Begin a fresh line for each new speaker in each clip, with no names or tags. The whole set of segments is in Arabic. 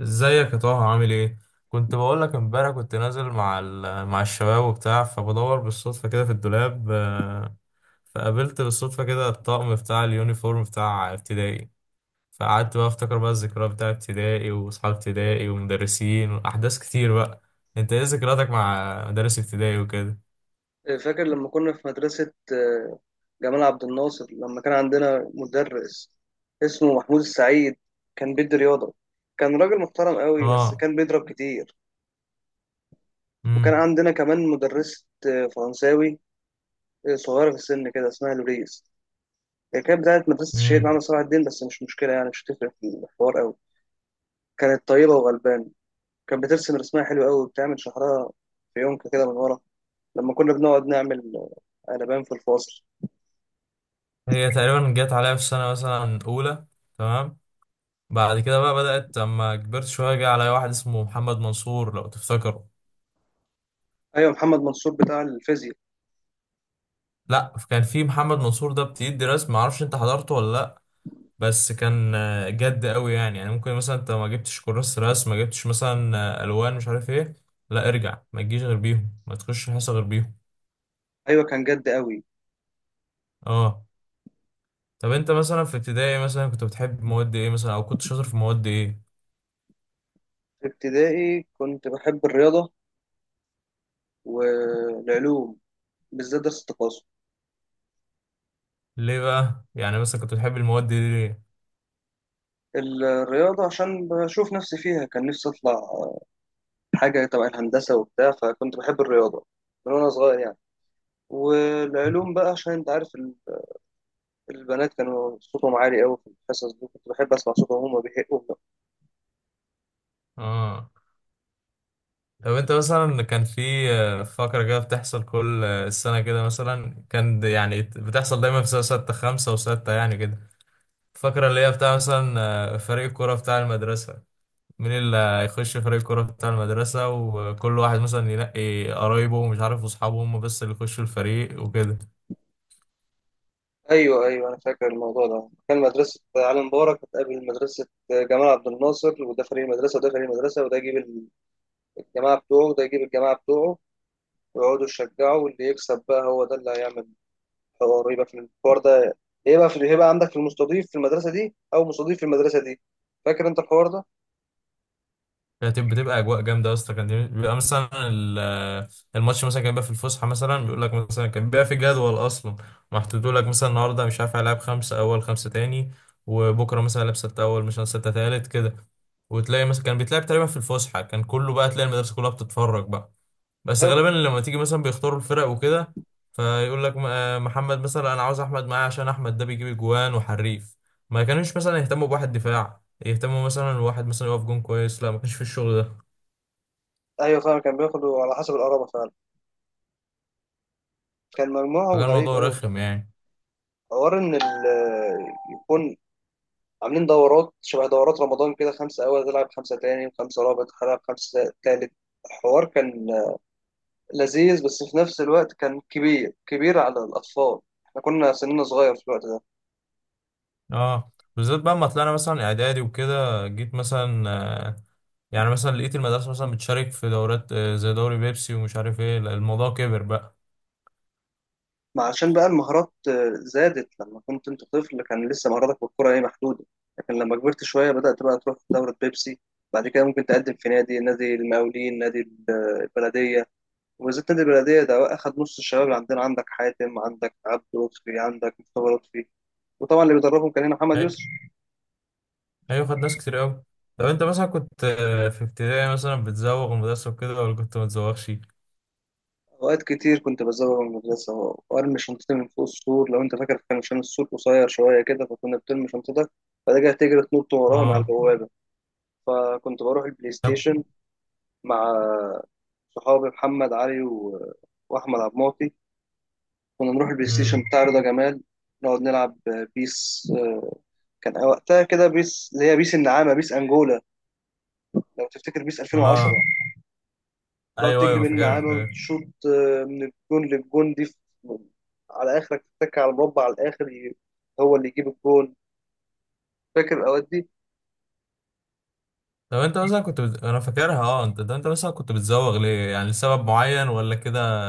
ازيك يا طه؟ عامل ايه؟ كنت بقول لك امبارح كنت نازل مع الشباب وبتاع فبدور بالصدفه كده في الدولاب فقابلت بالصدفه كده الطقم بتاع اليونيفورم بتاع ابتدائي. فقعدت بقى افتكر بقى الذكريات بتاع ابتدائي واصحاب ابتدائي ومدرسين واحداث كتير بقى. انت ايه ذكرياتك مع مدارس ابتدائي وكده؟
فاكر لما كنا في مدرسة جمال عبد الناصر لما كان عندنا مدرس اسمه محمود السعيد. كان بيدي رياضة. كان راجل محترم قوي بس
اه.
كان بيضرب كتير. وكان
امم
عندنا كمان مدرسة فرنساوي، صغيرة في السن كده اسمها لوريس. هي كانت بتاعت مدرسة الشهيد
امم
عمرو صلاح الدين بس مش مشكلة، يعني مش هتفرق في الحوار قوي. كانت طيبة وغلبانة. كانت بترسم رسمها حلو قوي وبتعمل شعرها في يونكة كده من ورا لما كنا بنقعد نعمل قلبان في الفاصل.
هي تقريبا جت عليا في السنه مثلا اولى. تمام. بعد كده بقى بدأت لما كبرت شوية جه عليا واحد اسمه محمد منصور، لو تفتكره.
ايوه، محمد منصور بتاع الفيزياء.
لا، كان في محمد منصور ده بتدي رسم، معرفش انت حضرته ولا لا. بس كان جد قوي يعني، ممكن مثلا انت ما جبتش كراسة رسم، ما جبتش مثلا الوان، مش عارف ايه. لا ارجع، ما تجيش غير بيهم، ما تخش حصة غير بيهم.
ايوه كان جد قوي.
اه. طب انت مثلا في ابتدائي مثلا كنت بتحب مواد ايه مثلا، او كنت شاطر في مواد ايه؟
في ابتدائي كنت بحب الرياضه والعلوم، بالذات درس التقاسم.
ليه بقى يعني مثلا كنت بتحب المواد دي ليه؟
الرياضه عشان بشوف نفسي فيها، كان نفسي اطلع حاجه تبع الهندسه وبتاع، فكنت بحب الرياضه من وانا صغير يعني. والعلوم بقى عشان انت عارف البنات كانوا صوتهم عالي قوي في الحصص دي، كنت بحب اسمع صوتهم وهما بيهقوا.
اه. طب انت مثلا كان في فقرة كده بتحصل كل السنة كده مثلا، يعني بتحصل دايما في سنة ستة، خمسة وستة يعني كده. الفقرة اللي هي بتاع مثلا فريق الكرة بتاع المدرسة. مين اللي هيخش فريق الكرة بتاع المدرسة؟ وكل واحد مثلا ينقي قرايبه ومش عارف واصحابه هم بس اللي يخشوا الفريق وكده.
ايوه ايوه، انا فاكر الموضوع ده. كان مدرسه علي مبارك بتقابل مدرسه جمال عبد الناصر، وده فريق المدرسه وده فريق المدرسه، وده يجيب الجماعه بتوعه وده يجيب الجماعه بتوعه، ويقعدوا يشجعوا واللي يكسب بقى هو ده اللي هيعمل حوار. يبقى في الحوار ده يبقى في، هيبقى عندك في المستضيف في المدرسة دي أو مستضيف في المدرسة دي. فاكر أنت الحوار ده؟
كانت بتبقى اجواء جامده يا اسطى. كان بيبقى مثلا الماتش مثلا كان بيبقى في الفسحه، مثلا بيقول لك مثلا كان بيبقى في جدول اصلا محطوط لك، مثلا النهارده مش عارف هيلعب خمسه اول، خمسه تاني، وبكره مثلا هيلعب سته اول مثلا سته تالت كده. وتلاقي مثلا كان بيتلعب تقريبا في الفسحه، كان كله بقى تلاقي المدرسه كلها بتتفرج بقى. بس
هياخد.
غالبا لما تيجي مثلا بيختاروا الفرق وكده، فيقول لك محمد مثلا انا عاوز احمد معايا عشان احمد ده بيجيب جوان وحريف. ما كانوش مثلا يهتموا بواحد دفاع، يهتموا مثلا الواحد مثلا يقف جون كويس، لا، ما كانش في الشغل ده.
أيوة فعلا كان بياخدوا على حسب القرابة فعلا. كان مجموعهم
فكان
غريب
الموضوع
أوي.
رخم يعني.
حوار إن يكون عاملين دورات، شبه دورات رمضان كده، خمسة أول تلعب خمسة تاني وخمسة رابع تلعب خمسة تالت. الحوار كان لذيذ بس في نفس الوقت كان كبير كبير على الأطفال، احنا كنا سننا صغير في الوقت ده.
اه، بالذات بقى ما طلعنا مثلا اعدادي وكده جيت مثلا آه، يعني مثلا لقيت المدرسة مثلا بتشارك في دورات زي دوري بيبسي ومش عارف ايه. لا، الموضوع كبر بقى.
ما عشان بقى المهارات زادت. لما كنت انت طفل كان لسه مهاراتك بالكرة ايه، محدودة، لكن لما كبرت شوية بدأت بقى تروح دورة بيبسي. بعد كده ممكن تقدم في نادي المقاولين، نادي البلدية. وبالذات نادي البلدية ده أخد نص الشباب اللي عندنا، عندك حاتم عندك عبد لطفي عندك مصطفى لطفي. وطبعا اللي بيدربهم كان هنا محمد يسر.
ايوه، خد ناس كتير قوي. طب انت مثلا كنت في ابتدائي مثلا بتزوغ المدرسة وكده، ولا كنت ما بتزوغش؟
أوقات كتير كنت بزوغ من المدرسة وأرمي شنطتي من فوق السور. لو أنت فاكر كان عشان السور قصير شوية كده، فكنا بترمي شنطتك بعد كده تجري تنط وراها مع
اه.
البوابة. فكنت بروح البلاي
طب.
ستيشن مع صحابي محمد علي واحمد عبد المعطي. كنا نروح البلاي ستيشن
امم
بتاع رضا جمال، نقعد نلعب بيس. كان وقتها كده بيس اللي هي بيس النعامه، بيس انجولا، لو تفتكر بيس 2010.
اه،
تقعد
ايوه
تجري
ايوه
بين
فاكرها
النعامه
فاكرها.
وتشوط من الجون للجون دي في... على اخرك تتك على المربع على الاخر، هو اللي يجيب الجون. فاكر الاوقات دي.
طب انت مثلا انا فاكرها اه. انت مثلا كنت بتزوغ ليه؟ يعني لسبب معين ولا كده؟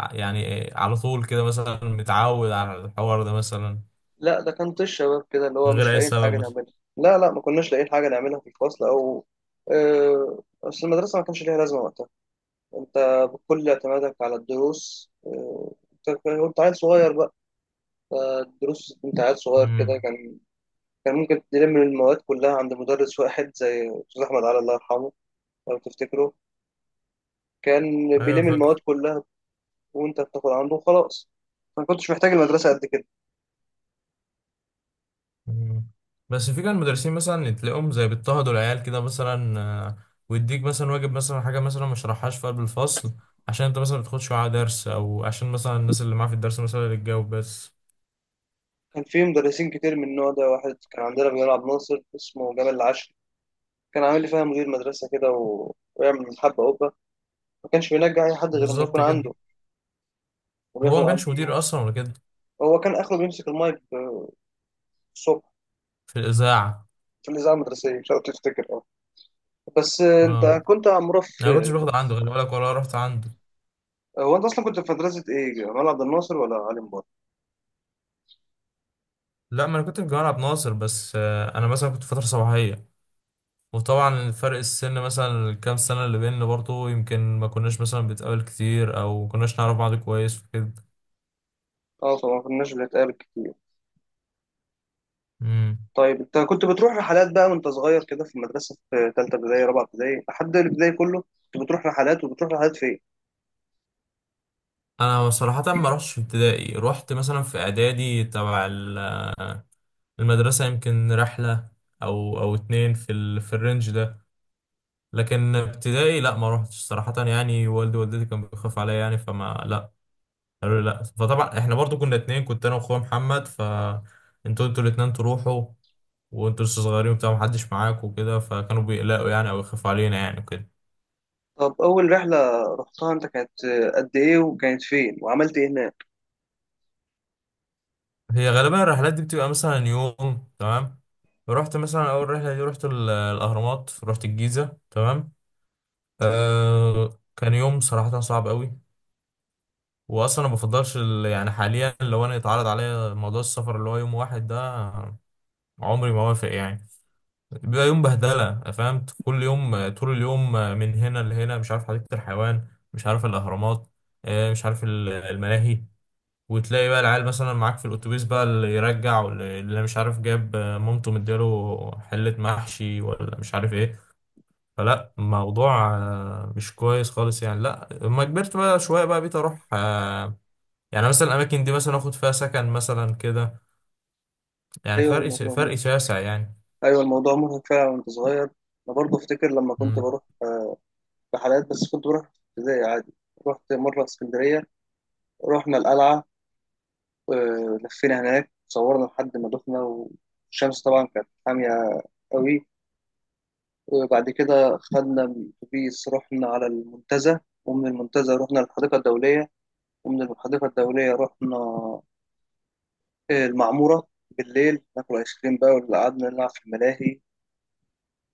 يعني على طول كده مثلا متعود على الحوار ده مثلا؟
لا ده كان طيش شباب كده، اللي هو
من
مش
غير اي
لاقيين
سبب
حاجه
مثلا؟
نعملها. لا لا، ما كناش لاقيين حاجه نعملها في الفصل او، بس المدرسه ما كانش ليها لازمه وقتها. انت بكل اعتمادك على الدروس، انت كنت عيل صغير بقى، فالدروس انت عيل صغير كده،
امم.
كان كان ممكن تلم المواد كلها عند مدرس واحد زي استاذ احمد علي الله يرحمه، لو تفتكره. كان
ايوه
بيلم المواد
فاكره.
كلها وانت بتاخد عنده وخلاص، ما كنتش محتاج المدرسه قد كده.
مم. بس في كان مدرسين مثلا تلاقيهم زي بيضطهدوا العيال كده مثلا، ويديك مثلا واجب مثلا حاجة مثلا ما شرحهاش في قلب الفصل عشان انت مثلا ما بتاخدش معاه درس، او عشان مثلا الناس اللي معاه في الدرس مثلا اللي تجاوب بس.
كان في مدرسين كتير من النوع ده. واحد كان عندنا بنلعب ناصر اسمه جمال العشري، كان عامل لي فيها مدير مدرسه كده ويعمل حبه قبه. ما كانش بينجح اي حد غير لما
بالظبط
يكون
كده.
عنده وبياخد
هو ما
عنده
كانش مدير
دروس.
اصلا ولا كده؟
هو كان اخره بيمسك المايك الصبح
في الاذاعة.
في الإذاعة المدرسية، مش عارف تفتكر. اه، بس
اه،
أنت كنت عمرة
انا ما
في،
كنتش باخد عنده، خلي بالك، ولا رحت عنده.
هو أنت أصلا كنت في مدرسة إيه؟ جمال عبد الناصر ولا علي مبارك؟
لا، ما انا كنت في جامعة عبد الناصر، بس انا مثلا كنت في فترة صباحية. وطبعا فرق السن مثلا الكام سنة اللي بيننا برضه، يمكن ما كناش مثلا بنتقابل كتير، او ما كناش نعرف بعض كويس وكده.
أه طبعا ما كناش بنتقابل كتير.
مم.
طيب أنت كنت بتروح رحلات بقى وأنت صغير كده في المدرسة، في تالتة ابتدائي رابعة ابتدائي لحد الابتدائي كله، كنت بتروح رحلات وبتروح رحلات فين؟
انا صراحة ما رحتش في ابتدائي، رحت مثلا في اعدادي تبع المدرسة يمكن رحلة، او اتنين في في الرينج ده. لكن ابتدائي لا، ما رحتش صراحة يعني، والدي ووالدتي كانوا بيخافوا عليا يعني، لا قالوا لي لا، فطبعا احنا برضو كنا اتنين، كنت انا واخويا محمد، ف انتوا الاتنين تروحوا وانتوا لسه صغيرين وبتاع، محدش معاك وكده، فكانوا بيقلقوا يعني او يخافوا علينا يعني وكده.
طب أول رحلة رحتها أنت كانت قد إيه وكانت فين؟ وعملت إيه هناك؟
هي غالبا الرحلات دي بتبقى مثلا يوم. تمام. رحت مثلا اول رحله دي رحت الاهرامات، رحت الجيزه. تمام. آه، كان يوم صراحه صعب قوي. واصلا ما بفضلش يعني حاليا لو انا اتعرض عليا موضوع السفر اللي هو يوم واحد ده، عمري ما وافق يعني. بيبقى يوم بهدله، فهمت، كل يوم طول اليوم من هنا لهنا، مش عارف حديقه الحيوان، مش عارف الاهرامات، مش عارف الملاهي. وتلاقي بقى العيال مثلا معاك في الاتوبيس بقى، اللي يرجع واللي مش عارف جاب مامته مديله حلة محشي، ولا مش عارف ايه. فلا، موضوع مش كويس خالص يعني. لا، لما كبرت بقى شوية بقى بقيت اروح يعني مثلا الاماكن دي مثلا اخد فيها سكن مثلا كده. يعني
أيوه الموضوع
فرق
مرهق،
شاسع يعني.
أيوه الموضوع مرهق فعلا وأنت صغير. أنا برضه أفتكر لما كنت
مم.
بروح رحلات، بس كنت بروح في ابتدائي عادي. رحت مرة اسكندرية، رحنا القلعة، لفينا هناك صورنا لحد ما دخنا، والشمس طبعا كانت حامية قوي. وبعد كده خدنا أتوبيس رحنا على المنتزه، ومن المنتزه رحنا للحديقة الدولية، ومن الحديقة الدولية رحنا المعمورة بالليل ناكل آيس كريم بقى، واللي قعدنا نلعب في الملاهي.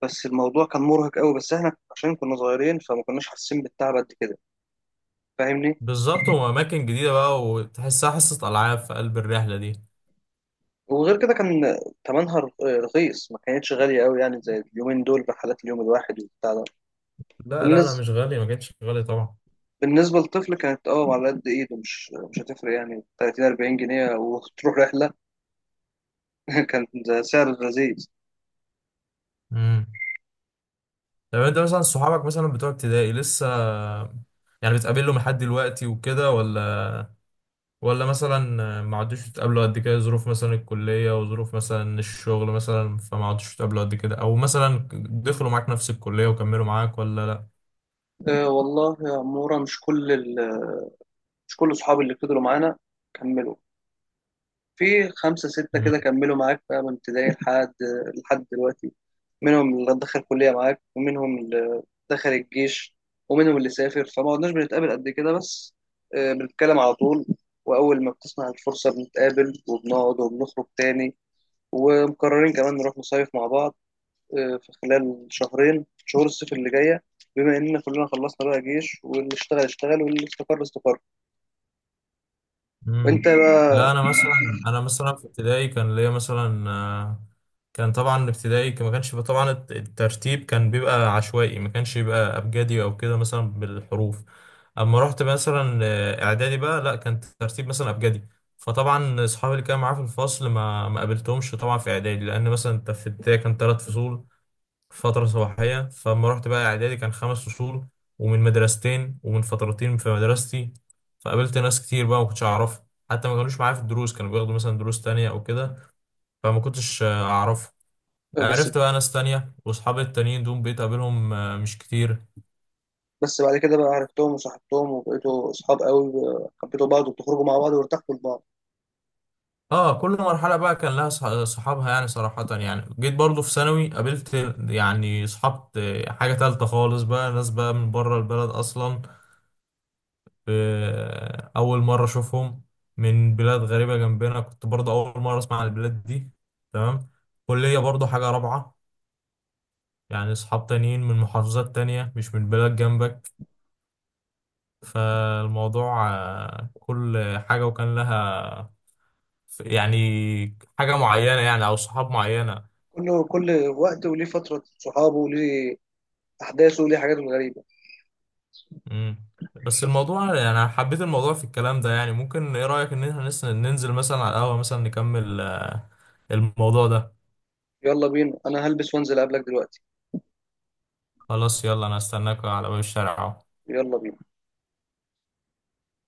بس الموضوع كان مرهق قوي، بس احنا عشان كنا صغيرين فما كناش حاسين بالتعب قد كده. فاهمني.
بالظبط، واماكن جديدة بقى وتحسها حصة العاب في قلب الرحلة دي.
وغير كده كان تمنها رخيص، ما كانتش غالية قوي يعني زي اليومين دول رحلات اليوم الواحد وبتاع ده.
لا لا لا،
بالنسبة
مش غالية، ما كانتش غالية طبعا.
بالنسبة للطفل كانت اه على قد ايده، مش هتفرق، يعني 30 40 جنيه وتروح رحلة. كان ده سعر لذيذ.
مم. طب انت مثلا صحابك مثلا بتوع ابتدائي لسه يعني بتقابلهم لحد دلوقتي وكده، ولا مثلا ما عدتوش تقابلوا قد كده، ظروف مثلا الكلية وظروف مثلا الشغل مثلا، فما عدتوش تقابلوا قد كده، او مثلا دخلوا معاك نفس الكلية وكملوا معاك، ولا؟
أه والله يا عمورة، مش كل مش كل اصحابي اللي فضلوا معانا كملوا. في خمسة ستة
لا.
كده كملوا معاك بقى من ابتدائي لحد، لحد دلوقتي. منهم اللي دخل كلية معاك، ومنهم اللي دخل الجيش، ومنهم اللي سافر، فما قعدناش بنتقابل قد كده. بس أه بنتكلم على طول، وأول ما بتسمع الفرصة بنتقابل وبنقعد وبنخرج تاني. ومقررين كمان نروح نصيف مع بعض، في خلال شهرين شهور الصيف اللي جاية، بما إننا كلنا خلصنا بقى جيش، واللي اشتغل اشتغل واللي استقر استقر. وأنت
مم.
بقى.
لا، انا مثلا في ابتدائي كان ليا مثلا كان طبعا الابتدائي ما كانش بيبقى، الترتيب كان بيبقى عشوائي، ما كانش بيبقى ابجدي او كده مثلا بالحروف. اما رحت مثلا اعدادي بقى لا، كان الترتيب مثلا ابجدي. فطبعا اصحابي اللي كانوا معايا في الفصل ما قابلتهمش طبعا في اعدادي، لان مثلا انت في ابتدائي كان ثلاث فصول فترة صباحية. فلما رحت بقى إعدادي كان خمس فصول، ومن مدرستين، ومن فترتين في مدرستي. فقابلت ناس كتير بقى ما كنتش أعرفها، حتى ما كانوش معايا في الدروس، كانوا بياخدوا مثلا دروس تانية أو كده، فما كنتش أعرفهم.
آه، بس
عرفت بقى ناس تانية، وأصحابي التانيين دول بقيت أقابلهم مش كتير.
بس بعد كده بقى عرفتهم وصاحبتهم وبقيتوا أصحاب قوي، حبيتوا بعض وبتخرجوا مع بعض وارتحتوا لبعض.
اه. كل مرحلة بقى كان لها صحابها يعني صراحة. يعني جيت برضو في ثانوي قابلت يعني صحاب حاجة تالتة خالص بقى، ناس بقى من بره البلد أصلا. أول مرة أشوفهم، من بلاد غريبة جنبنا، كنت برضه أول مرة أسمع عن البلاد دي. تمام. كلية برضه حاجة رابعة، يعني أصحاب تانيين من محافظات تانية، مش من بلاد جنبك. فالموضوع كل حاجة وكان لها يعني حاجة معينة يعني، أو صحاب معينة.
كل وقت وليه فترة صحابه وليه أحداثه وليه حاجاته الغريبة.
مم. بس الموضوع يعني أنا حبيت الموضوع في الكلام ده يعني، ممكن إيه رأيك إن إحنا ننزل مثلا على القهوة مثلا نكمل الموضوع ده؟
يلا بينا، أنا هلبس وأنزل أقابلك دلوقتي.
خلاص يلا، أنا هستناك على باب الشارع أهو.
يلا بينا.